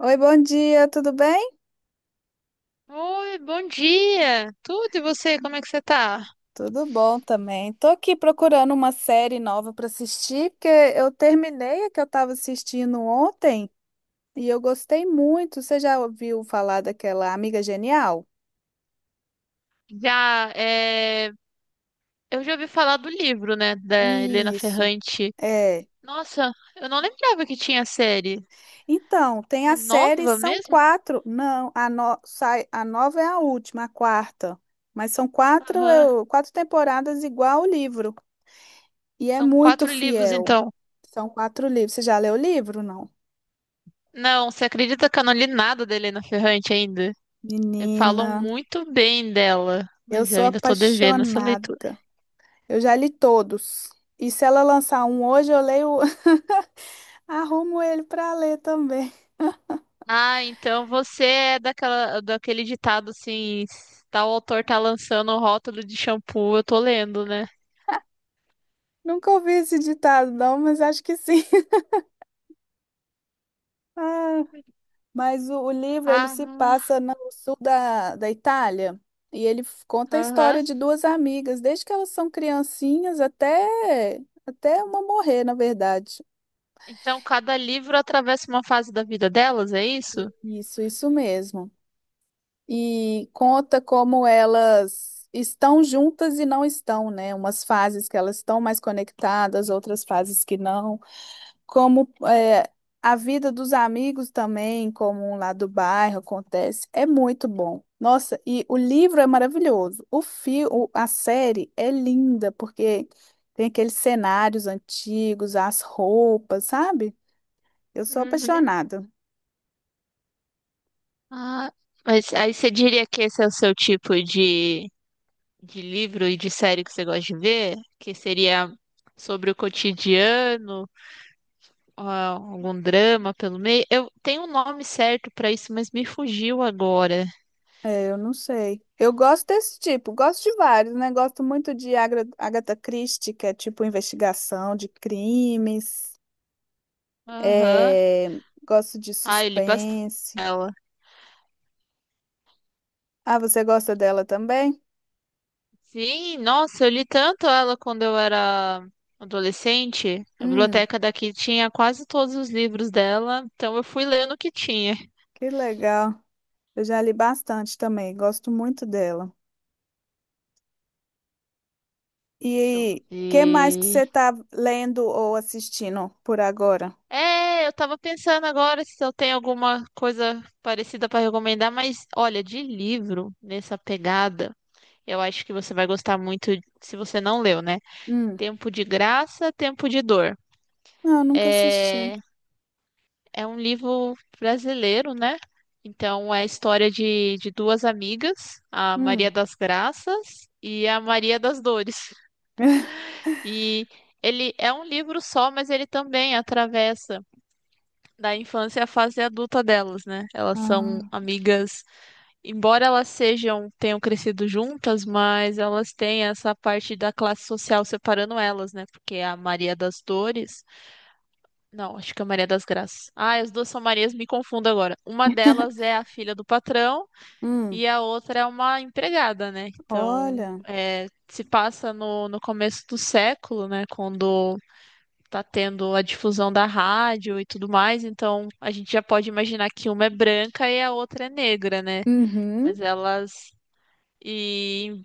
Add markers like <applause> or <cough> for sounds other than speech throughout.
Oi, bom dia, tudo bem? Oi, bom dia! Tudo e você, como é que você tá? Tudo bom também. Tô aqui procurando uma série nova para assistir, porque eu terminei a que eu estava assistindo ontem e eu gostei muito. Você já ouviu falar daquela Amiga Genial? Já. Eu já ouvi falar do livro, né, da Helena Isso, Ferrante. é. Nossa, eu não lembrava que tinha série. Então, tem É a série, nova são mesmo? quatro. Não, a, no- sai, a nova é a última, a quarta. Mas são quatro, Aham. Quatro temporadas igual o livro. E é São muito quatro livros, fiel. então. São quatro livros. Você já leu o livro, não? Não, você acredita que eu não li nada da Helena Ferrante ainda? Menina. Falam muito bem dela, Eu mas eu sou ainda tô devendo essa leitura. apaixonada. Eu já li todos. E se ela lançar um hoje, eu leio, <laughs> arrumo ele para ler também. Ah, então você é daquele ditado assim, tal autor tá lançando o rótulo de shampoo, eu tô lendo, né? Nunca ouvi esse ditado, não, mas acho que sim. <laughs> Ah, mas o livro ele se Ah, passa no sul da Itália e ele conta a aham. história de duas amigas, desde que elas são criancinhas até uma morrer, na verdade. Então cada livro atravessa uma fase da vida delas, é isso? Isso mesmo. E conta como elas estão juntas e não estão, né? Umas fases que elas estão mais conectadas, outras fases que não. Como é, a vida dos amigos também, como um lá do bairro acontece, é muito bom. Nossa, e o livro é maravilhoso. A série é linda porque tem aqueles cenários antigos, as roupas, sabe? Eu sou Uhum. apaixonada. Ah, mas aí você diria que esse é o seu tipo de livro e de série que você gosta de ver? Que seria sobre o cotidiano, ah, algum drama pelo meio? Eu tenho um nome certo pra isso, mas me fugiu agora. É, eu não sei. Eu gosto desse tipo, gosto de vários, né? Gosto muito de Agatha Christie, que é tipo investigação de crimes. Aham. É, gosto de Ah, eu li bastante. suspense. Ah, você gosta dela também? Sim, nossa, eu li tanto ela quando eu era adolescente. A Hum, biblioteca daqui tinha quase todos os livros dela, então eu fui lendo o que tinha. que legal. Eu já li bastante também, gosto muito dela. Deixa eu E que mais que você ver. está lendo ou assistindo por agora? É, eu tava pensando agora se eu tenho alguma coisa parecida para recomendar, mas olha, de livro nessa pegada, eu acho que você vai gostar muito se você não leu, né? Hum, Tempo de Graça, Tempo de Dor. não, nunca assisti. É, É um livro brasileiro, né? Então, é a história de duas amigas, a Maria Hum. das Graças e a Maria das Dores. <laughs> E ele é um livro só, mas ele também atravessa da infância à fase adulta delas, né? Elas são Ah. amigas, tenham crescido juntas, mas elas têm essa parte da classe social separando elas, né? Porque a Maria das Dores. Não, acho que é Maria das Graças. Ah, as duas são Marias, me confundo agora. Uma delas é a filha do patrão Hum, e a outra é uma empregada, né? Então, olha. Se passa no começo do século, né? Quando tá tendo a difusão da rádio e tudo mais. Então, a gente já pode imaginar que uma é branca e a outra é negra, né? Uhum. Mas elas. E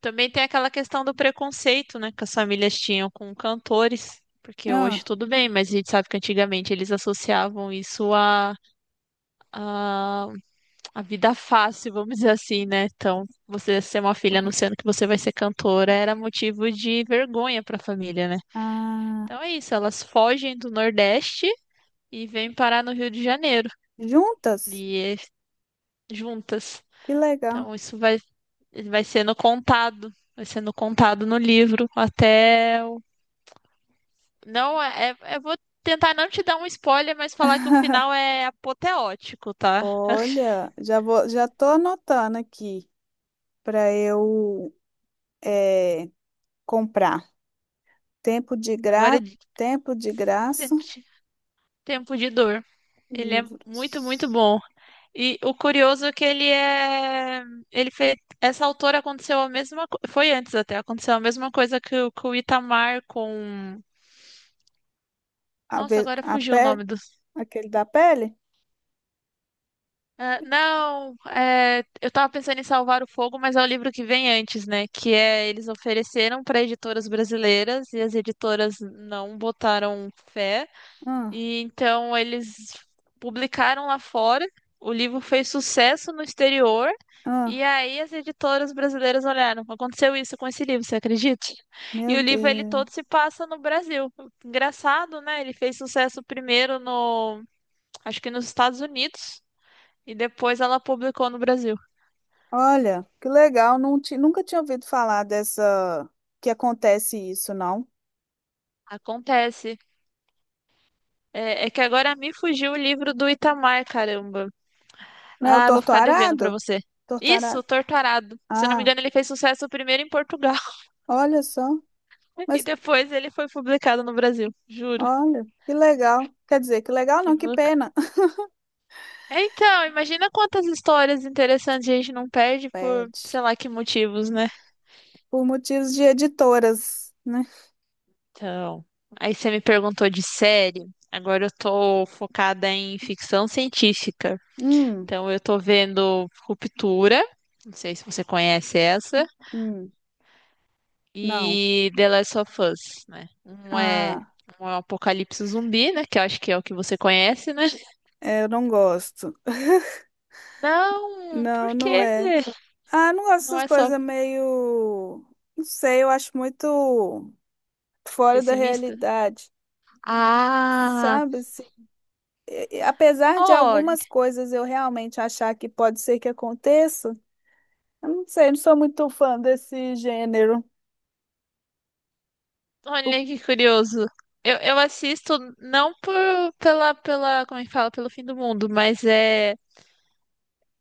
também tem aquela questão do preconceito, né, que as famílias tinham com cantores, porque hoje Ah, tudo bem, mas a gente sabe que antigamente eles associavam isso à à vida fácil, vamos dizer assim, né? Então, você ser uma filha anunciando que você vai ser cantora era motivo de vergonha para a família, né? ah, Então é isso, elas fogem do Nordeste e vêm parar no Rio de Janeiro, juntas? e juntas. Que legal. Então, isso vai sendo contado, vai sendo contado no livro até. Não, é, é- Eu vou tentar não te dar um spoiler, mas falar que o <laughs> final é apoteótico, tá? Olha, já vou, já tô anotando aqui para eu é, comprar. Tempo de Agora gra, tempo de graça, tempo de dor. Ele é muito, muito livros. bom. E o curioso é que ele é. Ele fez. Essa autora aconteceu a mesma. Foi antes até, aconteceu a mesma coisa o que o Itamar com. Nossa, agora A fugiu o pele, nome do. aquele da pele? Ah, não, eu tava pensando em Salvar o Fogo, mas é o livro que vem antes, né? Que é eles ofereceram para editoras brasileiras e as editoras não botaram fé. Ah, E então eles publicaram lá fora. O livro fez sucesso no exterior. E ah, aí as editoras brasileiras olharam, aconteceu isso com esse livro, você acredita? E meu o livro ele Deus. todo se passa no Brasil. Engraçado, né? Ele fez sucesso primeiro no, acho que nos Estados Unidos. E depois ela publicou no Brasil. Olha, que legal. Nunca tinha ouvido falar dessa que acontece isso, não. Acontece. É que agora me fugiu o livro do Itamar, caramba. Não é o Ah, vou torto ficar devendo arado? pra você. Torto Isso, arado. Torturado. Se eu não me Ah. engano, ele fez sucesso primeiro em Portugal Olha só, <laughs> e mas depois ele foi publicado no Brasil. Juro. olha, que legal. Quer dizer, que legal Que não, que louco. pena. <laughs> É, então, imagina quantas histórias interessantes a gente não perde por, Pede. sei lá, que motivos, né? Por motivos de editoras, né? Então, aí você me perguntou de série. Agora eu tô focada em ficção científica. Hum, Então eu tô vendo Ruptura, não sei se você conhece essa, hum, não. e The Last of Us, né? Um é Ah, um é um apocalipse zumbi, né? Que eu acho que é o que você conhece, né? é, eu não gosto. Não, por Não, não quê? é. Ah, não gosto Não dessas é só coisas meio. Não sei, eu acho muito fora da pessimista? realidade. Ah, Sabe? Assim, e apesar de olha, algumas coisas eu realmente achar que pode ser que aconteça, eu não sei, eu não sou muito fã desse gênero. O- olha que curioso. Eu assisto não pela, como é que fala, pelo fim do mundo, mas é.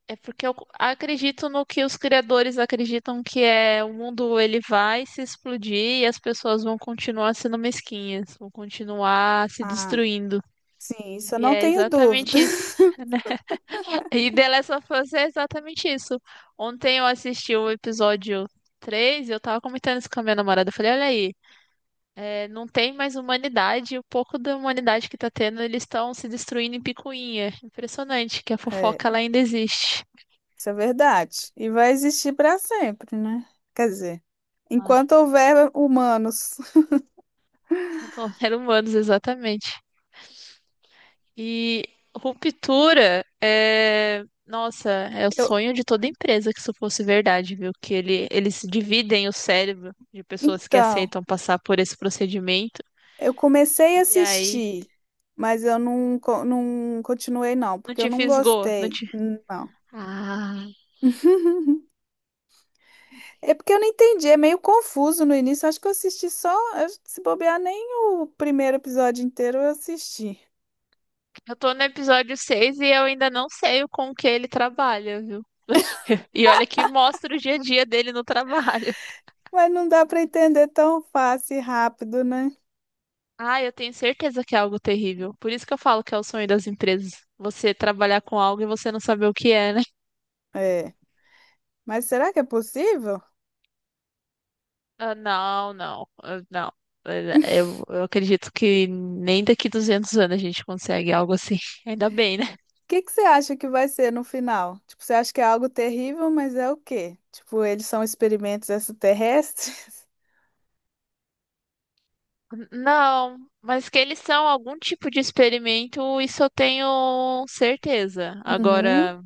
É porque eu acredito no que os criadores acreditam que é o mundo ele vai se explodir e as pessoas vão continuar sendo mesquinhas, vão continuar se ah. destruindo. Sim, isso eu E não é tenho dúvida. exatamente isso, <laughs> <laughs> né? E The Last of Us é exatamente isso. Ontem eu assisti o episódio 3 e eu tava comentando isso com a minha namorada. Eu falei, olha aí, não tem mais humanidade, o pouco da humanidade que tá tendo, eles estão se destruindo em picuinha. Impressionante que a É, fofoca ela ainda existe. isso é verdade. E vai existir para sempre, né? Quer dizer, Ai, enquanto houver humanos. <laughs> controlar <laughs> humanos, exatamente. E ruptura é. Nossa, é o Eu, sonho de toda empresa que isso fosse verdade, viu? Que eles dividem o cérebro de pessoas que então, aceitam passar por esse procedimento. eu comecei a E aí, assistir, mas eu não, co- não continuei, não, não porque eu te não fisgou, não gostei. te... Não. Ah. <laughs> É porque eu não entendi, é meio confuso no início. Acho que eu assisti só, se bobear, nem o primeiro episódio inteiro eu assisti. Eu tô no episódio seis e eu ainda não sei o com que ele trabalha, viu? <laughs> E olha que mostra o dia a dia dele no trabalho. Mas não dá para entender tão fácil e rápido, né? Ah, eu tenho certeza que é algo terrível. Por isso que eu falo que é o sonho das empresas. Você trabalhar com algo e você não saber o que é, né? <laughs> É. Mas será que é possível? O Ah, não, não, ah, não. Eu acredito que nem daqui 200 anos a gente consegue algo assim. <laughs> Ainda bem, né? que que você acha que vai ser no final? Tipo, você acha que é algo terrível, mas é o quê? Tipo, eles são experimentos extraterrestres? <laughs> Não, mas que eles são algum tipo de experimento, isso eu tenho certeza. Uhum. Agora.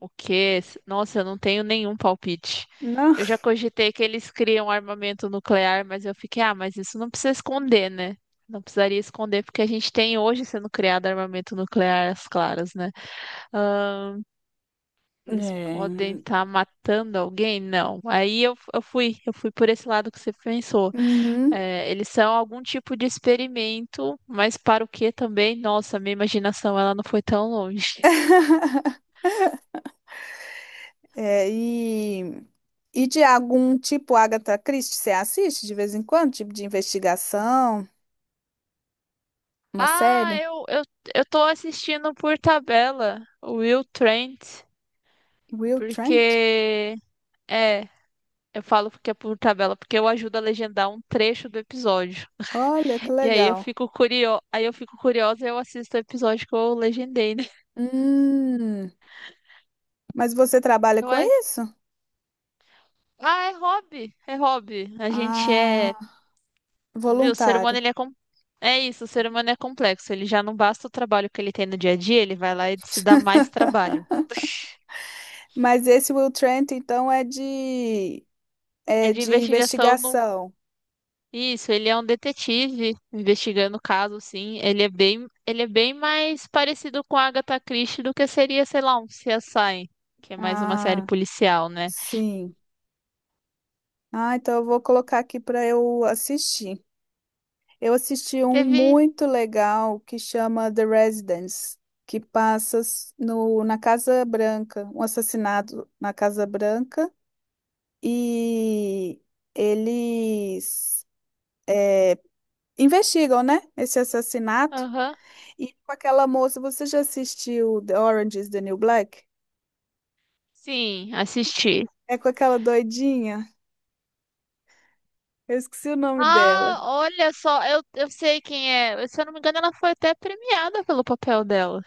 O quê? Nossa, eu não tenho nenhum palpite. Não. Eu já cogitei que eles criam armamento nuclear, mas eu fiquei, ah, mas isso não precisa esconder, né? Não precisaria esconder, porque a gente tem hoje sendo criado armamento nuclear às claras, né? Ahn, Eles É, podem estar matando alguém? Não. Aí eu fui por esse lado que você pensou. uhum. É, eles são algum tipo de experimento, mas para o quê também? Nossa, minha imaginação ela não foi tão longe. É, e de algum tipo Agatha Christie, você assiste de vez em quando? Tipo de investigação, uma Ah, série? eu tô assistindo por tabela o Will Trent, Will Trent? porque. É, eu falo porque é por tabela, porque eu ajudo a legendar um trecho do episódio. Olha que E aí eu legal. fico curio... aí eu fico curiosa e eu assisto o episódio que eu legendei, né? Hum, mas você trabalha Eu com ass- isso? Ah, é hobby, é hobby. A gente é. Ah, Viu, o ser humano voluntário. ele é com... É isso, o ser humano é complexo. Ele já não basta o trabalho que ele tem no dia a dia, ele vai lá e se dá mais trabalho. Mas esse Will Trent, então, É é de de investigação. investigação. Isso, ele é um detetive investigando o caso, sim. Ele é bem mais parecido com a Agatha Christie do que seria, sei lá, um CSI, que é mais uma série Ah, policial, né? sim. Ah, então eu vou colocar aqui para eu assistir. Eu assisti Aí um teve, muito legal que chama The Residence, que passa s- no, na Casa Branca, um assassinato na Casa Branca, e eles é, investigam, né, esse assassinato. aham, E com aquela moça, você já assistiu The Orange is the New Black? sim, assisti. É com aquela doidinha. Eu esqueci o nome dela. Ah, olha só, eu sei quem é. Se eu não me engano, ela foi até premiada pelo papel dela.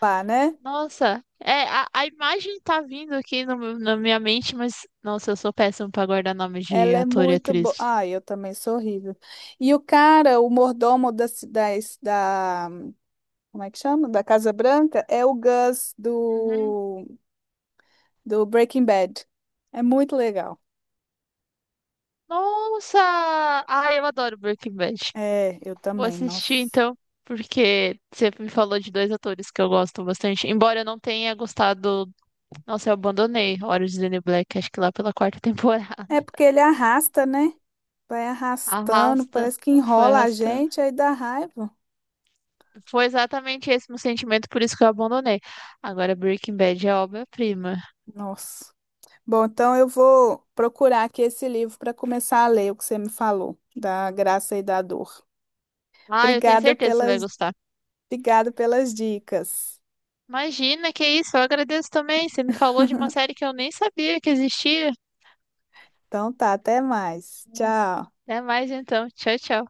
Lá, né? Nossa, a imagem tá vindo aqui no meu- na minha mente, mas nossa, eu sou péssima pra guardar nome de Ela é ator e muito atriz. boa. Ai, eu também sou horrível. E o cara, o mordomo da. Como é que chama? Da Casa Branca, é o Gus Uhum. Do Breaking Bad. É muito legal. Nossa! Ai, eu adoro Breaking Bad. É, eu Vou também, assistir nossa. então, porque você me falou de dois atores que eu gosto bastante. Embora eu não tenha gostado. Nossa, eu abandonei Orange is the New Black, acho que lá pela quarta <laughs> temporada. É porque ele arrasta, né? Vai arrastando, Arrasta. parece que Foi enrola a arrastando. gente, aí dá raiva. Foi exatamente esse meu sentimento, por isso que eu abandonei. Agora Breaking Bad é obra-prima. Nossa. Bom, então eu vou procurar aqui esse livro para começar a ler o que você me falou, da graça e da dor. Ah, eu tenho Obrigada certeza que você vai pelas, gostar. obrigada pelas dicas. Imagina, que isso, eu agradeço também. Você me falou de uma série que eu nem sabia que existia. Então tá, até mais. Tchau. Até mais então. Tchau, tchau.